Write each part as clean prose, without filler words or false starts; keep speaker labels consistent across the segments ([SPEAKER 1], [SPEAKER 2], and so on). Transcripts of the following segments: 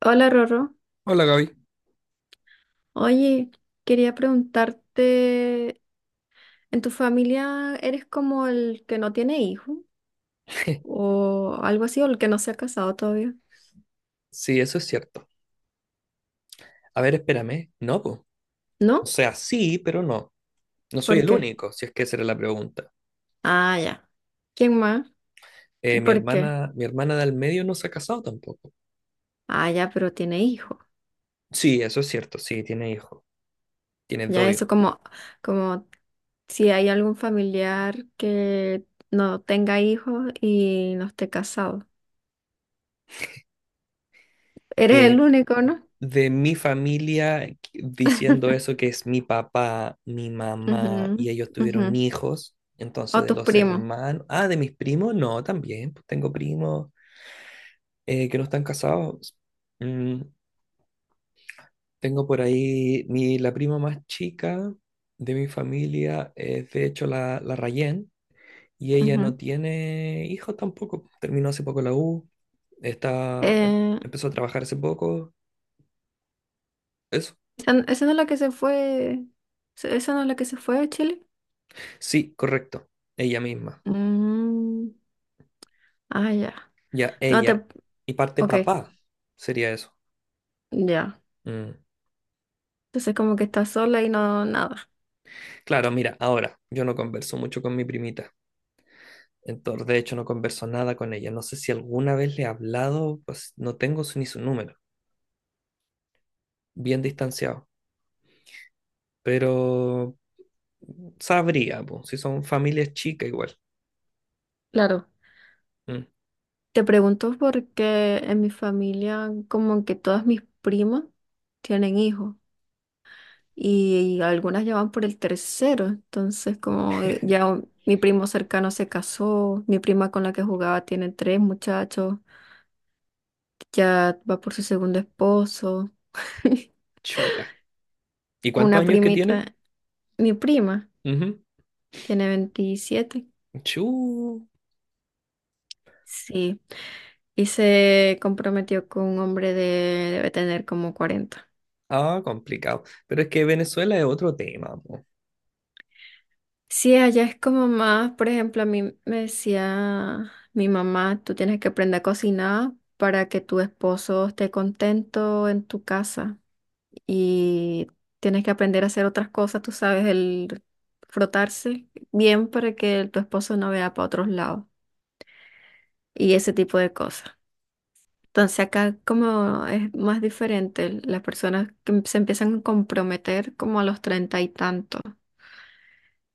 [SPEAKER 1] Hola Rorro,
[SPEAKER 2] Hola Gaby.
[SPEAKER 1] oye, quería preguntarte, ¿en tu familia eres como el que no tiene hijo o algo así o el que no se ha casado todavía?
[SPEAKER 2] Sí, eso es cierto. A ver, espérame. No, pues. O
[SPEAKER 1] ¿No?
[SPEAKER 2] sea, sí, pero no. No soy
[SPEAKER 1] ¿Por
[SPEAKER 2] el
[SPEAKER 1] qué?
[SPEAKER 2] único, si es que esa era la pregunta.
[SPEAKER 1] Ah, ya. ¿Quién más?
[SPEAKER 2] Mi
[SPEAKER 1] ¿Por qué?
[SPEAKER 2] hermana, mi hermana del medio no se ha casado tampoco.
[SPEAKER 1] Ah, ya, pero tiene hijo.
[SPEAKER 2] Sí, eso es cierto. Sí, tiene hijos. Tiene
[SPEAKER 1] Ya
[SPEAKER 2] dos
[SPEAKER 1] eso
[SPEAKER 2] hijos.
[SPEAKER 1] como si hay algún familiar que no tenga hijos y no esté casado. Eres el
[SPEAKER 2] Eh,
[SPEAKER 1] único, ¿no?
[SPEAKER 2] de mi familia, diciendo eso que es mi papá, mi mamá y
[SPEAKER 1] Ujú,
[SPEAKER 2] ellos
[SPEAKER 1] ujú.
[SPEAKER 2] tuvieron hijos. Entonces,
[SPEAKER 1] O
[SPEAKER 2] de
[SPEAKER 1] tus
[SPEAKER 2] los
[SPEAKER 1] primos.
[SPEAKER 2] hermanos. Ah, de mis primos, no, también. Pues tengo primos que no están casados. Mm, Tengo por ahí la prima más chica de mi familia, es de hecho la Rayen y ella no
[SPEAKER 1] Ujú.
[SPEAKER 2] tiene hijos tampoco. Terminó hace poco la U, está, em-
[SPEAKER 1] Eh,
[SPEAKER 2] empezó a trabajar hace poco. Eso.
[SPEAKER 1] Esa no es la que se fue? ¿Esa no es la que se fue a Chile?
[SPEAKER 2] Sí, correcto. Ella misma.
[SPEAKER 1] Mm, ah, ya.
[SPEAKER 2] Ya,
[SPEAKER 1] No te.
[SPEAKER 2] ella. Y parte
[SPEAKER 1] Ok,
[SPEAKER 2] papá sería eso.
[SPEAKER 1] ya.
[SPEAKER 2] Mm.
[SPEAKER 1] Entonces como que estás sola y no nada.
[SPEAKER 2] Claro, mira, ahora yo no converso mucho con mi primita. Entonces, de hecho, no converso nada con ella. No sé si alguna vez le he hablado, pues no tengo ni su número. Bien distanciado, pero sabría, po, si son familias chicas igual.
[SPEAKER 1] Claro.
[SPEAKER 2] Mm.
[SPEAKER 1] Te pregunto porque en mi familia como que todas mis primas tienen hijos y algunas ya van por el tercero. Entonces como ya mi primo cercano se casó, mi prima con la que jugaba tiene tres muchachos, ya va por su segundo esposo.
[SPEAKER 2] Chuta. ¿Y cuántos
[SPEAKER 1] Una
[SPEAKER 2] años que tiene?
[SPEAKER 1] primita, mi prima,
[SPEAKER 2] Ujú.
[SPEAKER 1] tiene 27.
[SPEAKER 2] Chu.
[SPEAKER 1] Sí. Y se comprometió con un hombre de, debe tener como 40.
[SPEAKER 2] Ah, complicado. Pero es que Venezuela es otro tema, po.
[SPEAKER 1] Sí, allá es como más, por ejemplo, a mí me decía mi mamá, tú tienes que aprender a cocinar para que tu esposo esté contento en tu casa y tienes que aprender a hacer otras cosas, tú sabes, el frotarse bien para que tu esposo no vea para otros lados y ese tipo de cosas. Entonces acá como es más diferente, las personas que se empiezan a comprometer como a los treinta y tantos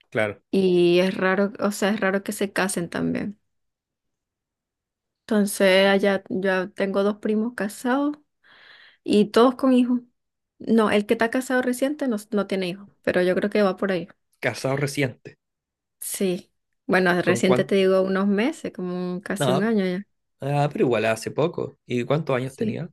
[SPEAKER 2] Claro.
[SPEAKER 1] y es raro, o sea, es raro que se casen también. Entonces allá yo tengo dos primos casados y todos con hijos. No, el que está casado reciente no, no tiene hijos, pero yo creo que va por ahí.
[SPEAKER 2] Casado reciente.
[SPEAKER 1] Sí. Bueno,
[SPEAKER 2] ¿Con
[SPEAKER 1] reciente
[SPEAKER 2] cuánto?
[SPEAKER 1] te digo unos meses, como casi un
[SPEAKER 2] No.
[SPEAKER 1] año ya.
[SPEAKER 2] Ah, pero igual hace poco. ¿Y cuántos años
[SPEAKER 1] Sí.
[SPEAKER 2] tenía?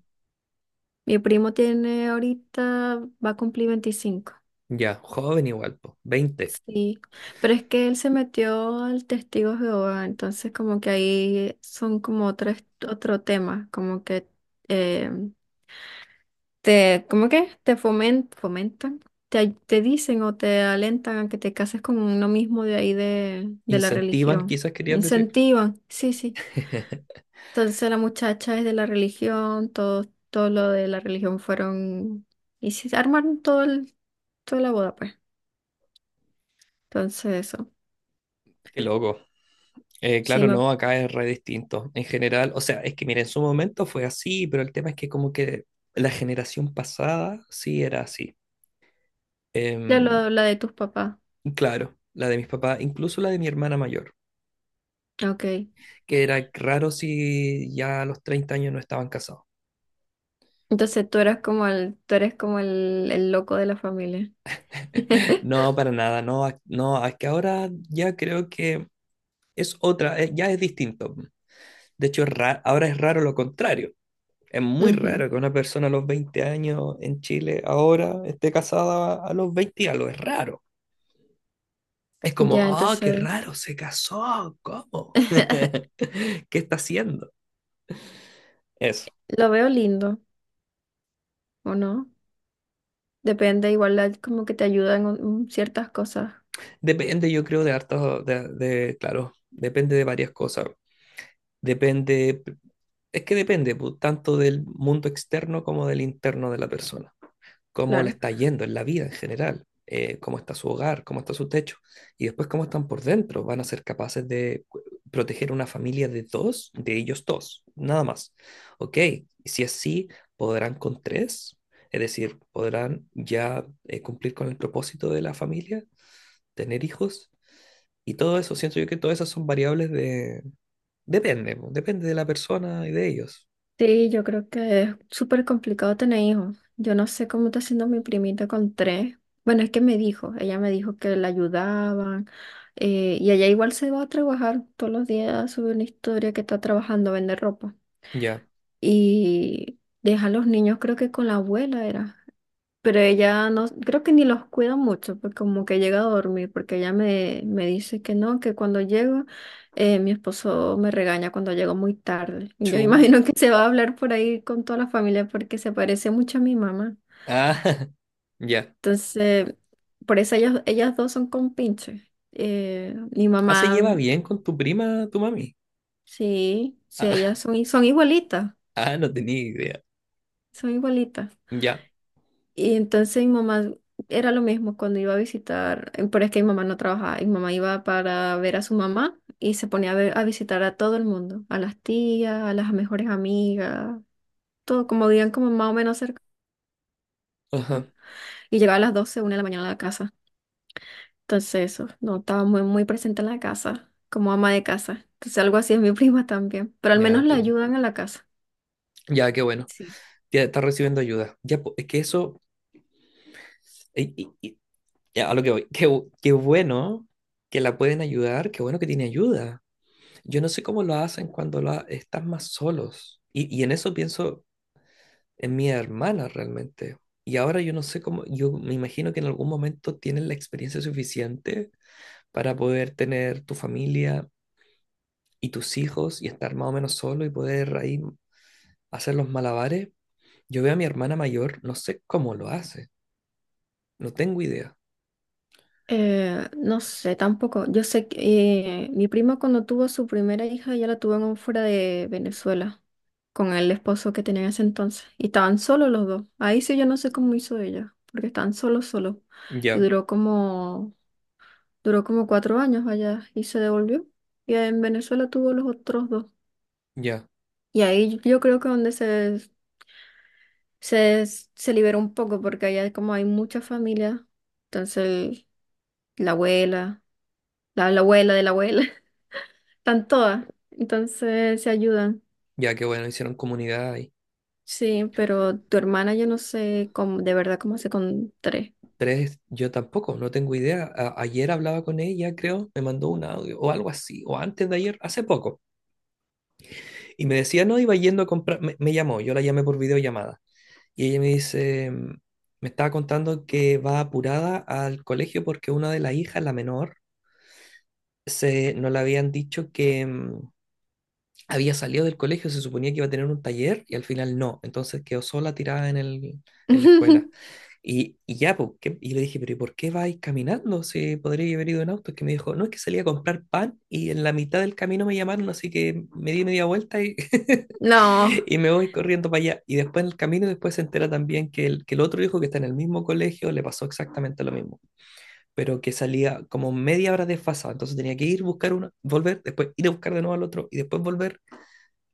[SPEAKER 1] Mi primo tiene ahorita, va a cumplir 25.
[SPEAKER 2] Ya, joven igual, po. 20.
[SPEAKER 1] Sí, pero es que él se metió al testigo de Jehová, entonces como que ahí son como otro tema, como que eh, te, ¿cómo que? Te fomentan, te, te dicen o te alentan a que te cases con uno mismo de ahí de la
[SPEAKER 2] Incentivan,
[SPEAKER 1] religión.
[SPEAKER 2] quizás querías decir.
[SPEAKER 1] Incentivan, sí, sí. Entonces la muchacha es de la religión, todo lo de la religión fueron, y se armaron toda la boda, pues. Entonces eso.
[SPEAKER 2] Qué loco.
[SPEAKER 1] Sí,
[SPEAKER 2] Claro, no, acá es re distinto. En general, o sea, es que mira, en su momento fue así, pero el tema es que como que la generación pasada sí era así.
[SPEAKER 1] ya
[SPEAKER 2] Em,
[SPEAKER 1] la de tus papás.
[SPEAKER 2] claro, la de mis papás, incluso la de mi hermana mayor,
[SPEAKER 1] Ok.
[SPEAKER 2] que era raro si ya a los 30 años no estaban casados.
[SPEAKER 1] Entonces tú eres como el loco de la familia.
[SPEAKER 2] No, para nada, no, no, es que ahora ya creo que es otra, ya es distinto. De hecho, ahora es raro lo contrario. Es muy
[SPEAKER 1] Ujú.
[SPEAKER 2] raro que una persona a los 20 años en Chile ahora esté casada a los 20 y algo. Es raro. Es como,
[SPEAKER 1] Ya,
[SPEAKER 2] ah, qué
[SPEAKER 1] entonces
[SPEAKER 2] raro, se casó. ¿Cómo? ¿Qué está haciendo? Eso.
[SPEAKER 1] lo veo lindo, ¿o no? Depende, igual como que te ayudan en ciertas cosas,
[SPEAKER 2] Depende, yo creo, de hartos, de, claro, depende de varias cosas. Depende, es que depende, pu, tanto del mundo externo como del interno de la persona. Cómo le
[SPEAKER 1] claro.
[SPEAKER 2] está yendo en la vida en general, cómo está su hogar, cómo está su techo, y después cómo están por dentro. Van a ser capaces de proteger una familia de dos, de ellos dos, nada más. Ok, si es así, podrán con tres, es decir, podrán ya cumplir con el propósito de la familia, tener hijos, y todo eso, siento yo que todas esas son variables de… Depende, po, depende de la persona y de ellos.
[SPEAKER 1] Sí, yo creo que es súper complicado tener hijos. Yo no sé cómo está haciendo mi primita con tres. Bueno, es que ella me dijo que la ayudaban. Y ella igual se va a trabajar todos los días, sube una historia que está trabajando, vende ropa.
[SPEAKER 2] Ya,
[SPEAKER 1] Y deja a los niños creo que con la abuela era. Pero ella no, creo que ni los cuida mucho, porque como que llega a dormir, porque ella me dice que no, que cuando llego, mi esposo me regaña cuando llego muy tarde. Y yo
[SPEAKER 2] chu.
[SPEAKER 1] imagino que se va a hablar por ahí con toda la familia porque se parece mucho a mi mamá.
[SPEAKER 2] Ah, ya.
[SPEAKER 1] Entonces, por eso ellas dos son compinches. Mi
[SPEAKER 2] ¿Ah, se
[SPEAKER 1] mamá,
[SPEAKER 2] lleva bien con tu prima, tu mami?
[SPEAKER 1] sí, sí, ellas
[SPEAKER 2] Ah,
[SPEAKER 1] son igualitas,
[SPEAKER 2] ah, no tenía idea.
[SPEAKER 1] son igualitas.
[SPEAKER 2] Ya,
[SPEAKER 1] Y entonces mi mamá era lo mismo cuando iba a visitar, pero es que mi mamá no trabajaba, mi mamá iba para ver a su mamá y se ponía a visitar a todo el mundo, a las tías, a las mejores amigas, todo, como vivían como más o menos cerca.
[SPEAKER 2] ajá,
[SPEAKER 1] Y llegaba a las 12, 1 de la mañana a la casa. Entonces eso, no, estaba muy, muy presente en la casa, como ama de casa. Entonces algo así es mi prima también, pero al
[SPEAKER 2] ya
[SPEAKER 1] menos la
[SPEAKER 2] entiendo.
[SPEAKER 1] ayudan en la casa.
[SPEAKER 2] Ya, qué bueno.
[SPEAKER 1] Sí.
[SPEAKER 2] Ya está recibiendo ayuda. Ya, es que eso, y- y- y- ya, a lo que voy. Qué bueno que la pueden ayudar, qué bueno que tiene ayuda. Yo no sé cómo lo hacen cuando están más solos. Y en eso pienso en mi hermana realmente. Y ahora yo no sé cómo, yo me imagino que en algún momento tienen la experiencia suficiente para poder tener tu familia y tus hijos y estar más o menos solo y poder ahí hacer los malabares. Yo veo a mi hermana mayor, no sé cómo lo hace, no tengo idea.
[SPEAKER 1] No sé, tampoco. Yo sé que mi prima cuando tuvo su primera hija, ella la tuvo en un fuera de Venezuela. Con el esposo que tenía en ese entonces. Y estaban solos los dos. Ahí sí yo no sé cómo hizo ella, porque estaban solos, solos. Y
[SPEAKER 2] Ya,
[SPEAKER 1] duró como 4 años allá y se devolvió. Y en Venezuela tuvo los otros dos.
[SPEAKER 2] ya,
[SPEAKER 1] Y ahí yo creo que donde se liberó un poco, porque allá como hay mucha familia, entonces la abuela, la abuela de la abuela, están todas. Entonces se ayudan.
[SPEAKER 2] ya que bueno, hicieron comunidad ahí.
[SPEAKER 1] Sí, pero tu hermana yo no sé cómo, de verdad cómo hace con tres.
[SPEAKER 2] Tres, yo tampoco, no tengo idea. Ayer hablaba con ella, creo, me mandó un audio o algo así, o antes de ayer, hace poco. Y me decía, no, iba yendo a comprar, me llamó, yo la llamé por videollamada. Y ella me dice, me estaba contando que va apurada al colegio porque una de las hijas, la menor, no le habían dicho que, había salido del colegio, se suponía que iba a tener un taller y al final no. Entonces quedó sola tirada en la escuela. Y ya, po, ¿qué? Y le dije, pero ¿y por qué vais caminando si podría haber ido en auto? Es que me dijo, no, es que salí a comprar pan y en la mitad del camino me llamaron, así que me di media vuelta y,
[SPEAKER 1] No,
[SPEAKER 2] y me voy corriendo para allá. Y después en el camino, después se entera también que el otro hijo que está en el mismo colegio le pasó exactamente lo mismo, pero que salía como media hora desfasado, entonces tenía que ir, buscar uno, volver, después ir a buscar de nuevo al otro y después volver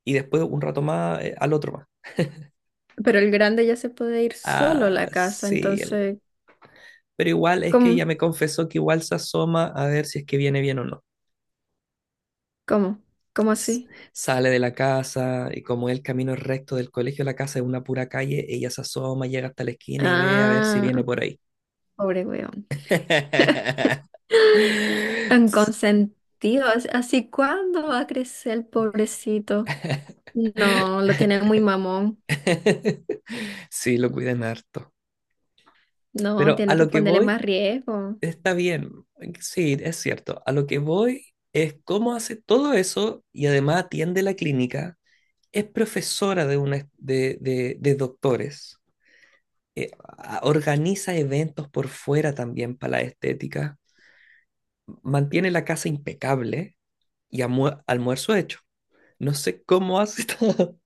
[SPEAKER 2] y después un rato más al otro más.
[SPEAKER 1] pero el grande ya se puede ir solo a la
[SPEAKER 2] Ah,
[SPEAKER 1] casa,
[SPEAKER 2] sí,
[SPEAKER 1] entonces,
[SPEAKER 2] pero igual es que
[SPEAKER 1] ¿cómo?
[SPEAKER 2] ella me confesó que igual se asoma a ver si es que viene bien o no.
[SPEAKER 1] ¿Cómo? ¿Cómo
[SPEAKER 2] S-
[SPEAKER 1] así?
[SPEAKER 2] Sale de la casa y como el camino es recto del colegio a la casa es una pura calle, ella se asoma, llega hasta la esquina y ve a ver si
[SPEAKER 1] Ah,
[SPEAKER 2] viene por ahí.
[SPEAKER 1] pobre weón. Tan consentido, así cuándo va a crecer el pobrecito. No, lo tiene muy mamón.
[SPEAKER 2] Sí, lo cuidan harto.
[SPEAKER 1] No,
[SPEAKER 2] Pero a
[SPEAKER 1] tiene que
[SPEAKER 2] lo que
[SPEAKER 1] ponerle
[SPEAKER 2] voy.
[SPEAKER 1] más riesgo.
[SPEAKER 2] Está bien, sí, es cierto. A lo que voy es cómo hace todo eso y además atiende la clínica. Es profesora de, una, de doctores. eh, Organiza eventos por fuera también para la estética. Mantiene la casa impecable y almuerzo hecho. No sé cómo hace todo.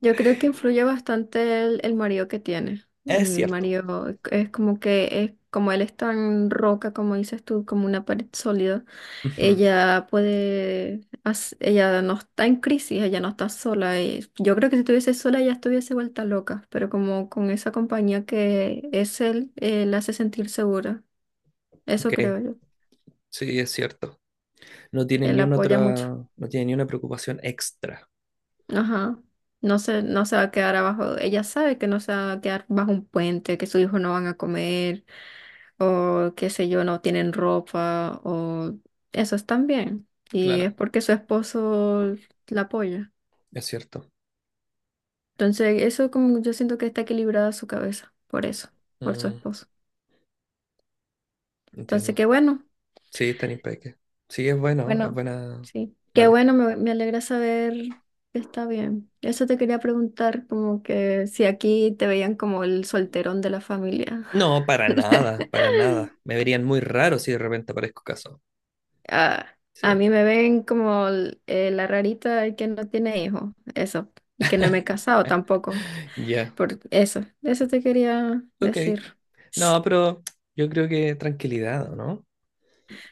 [SPEAKER 1] Yo creo que influye bastante el marido que tiene.
[SPEAKER 2] Es
[SPEAKER 1] El
[SPEAKER 2] cierto.
[SPEAKER 1] marido es como que es como él es tan roca, como dices tú, como una pared sólida.
[SPEAKER 2] Ujú.
[SPEAKER 1] Ella no está en crisis, ella no está sola. Y yo creo que si estuviese sola ella estuviese vuelta loca, pero como con esa compañía que es él, la hace sentir segura. Eso creo
[SPEAKER 2] Ok,
[SPEAKER 1] yo.
[SPEAKER 2] sí, es cierto. No tiene
[SPEAKER 1] Él
[SPEAKER 2] ni
[SPEAKER 1] la
[SPEAKER 2] una
[SPEAKER 1] apoya
[SPEAKER 2] otra,
[SPEAKER 1] mucho.
[SPEAKER 2] no tiene ni una preocupación extra.
[SPEAKER 1] Ajá. No se va a quedar abajo. Ella sabe que no se va a quedar bajo un puente, que sus hijos no van a comer, o qué sé yo, no tienen ropa, o eso están bien. Y es
[SPEAKER 2] Claro,
[SPEAKER 1] porque su esposo la apoya.
[SPEAKER 2] es cierto.
[SPEAKER 1] Entonces, eso como yo siento que está equilibrada su cabeza, por eso, por su
[SPEAKER 2] Mm,
[SPEAKER 1] esposo. Entonces,
[SPEAKER 2] Entiendo.
[SPEAKER 1] qué bueno,
[SPEAKER 2] Sí, está en Impeque. Sí, es bueno, es
[SPEAKER 1] bueno,
[SPEAKER 2] buena.
[SPEAKER 1] sí, qué
[SPEAKER 2] Vale.
[SPEAKER 1] bueno, me alegra saber que está bien. Eso te quería preguntar, como que si aquí te veían como el solterón de la familia.
[SPEAKER 2] No, para nada, para nada. Me verían muy raro si de repente aparezco caso.
[SPEAKER 1] Ah,
[SPEAKER 2] Sí.
[SPEAKER 1] a mí me ven como la rarita que no tiene hijos, eso, y que no me he casado tampoco,
[SPEAKER 2] Ya.
[SPEAKER 1] por eso, eso te quería
[SPEAKER 2] Ok.
[SPEAKER 1] decir.
[SPEAKER 2] No, pero yo creo que tranquilidad, ¿o no?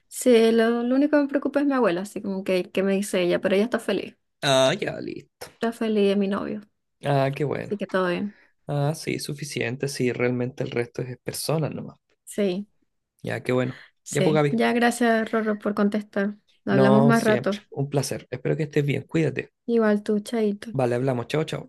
[SPEAKER 1] Sí, lo único que me preocupa es mi abuela, así como que, me dice ella, pero ella
[SPEAKER 2] Ah, ya, listo.
[SPEAKER 1] está feliz de mi novio,
[SPEAKER 2] Ah, qué
[SPEAKER 1] así
[SPEAKER 2] bueno.
[SPEAKER 1] que todo bien.
[SPEAKER 2] Ah, sí, suficiente. Sí, realmente el resto es personas nomás.
[SPEAKER 1] Sí,
[SPEAKER 2] Ya, qué bueno. Ya, pues,
[SPEAKER 1] sí.
[SPEAKER 2] Gaby.
[SPEAKER 1] Ya gracias, Rorro, por contestar. Hablamos
[SPEAKER 2] No,
[SPEAKER 1] más
[SPEAKER 2] siempre.
[SPEAKER 1] rato.
[SPEAKER 2] Un placer. Espero que estés bien. Cuídate.
[SPEAKER 1] Igual tú, Chaito.
[SPEAKER 2] Vale, hablamos. Chao, chao.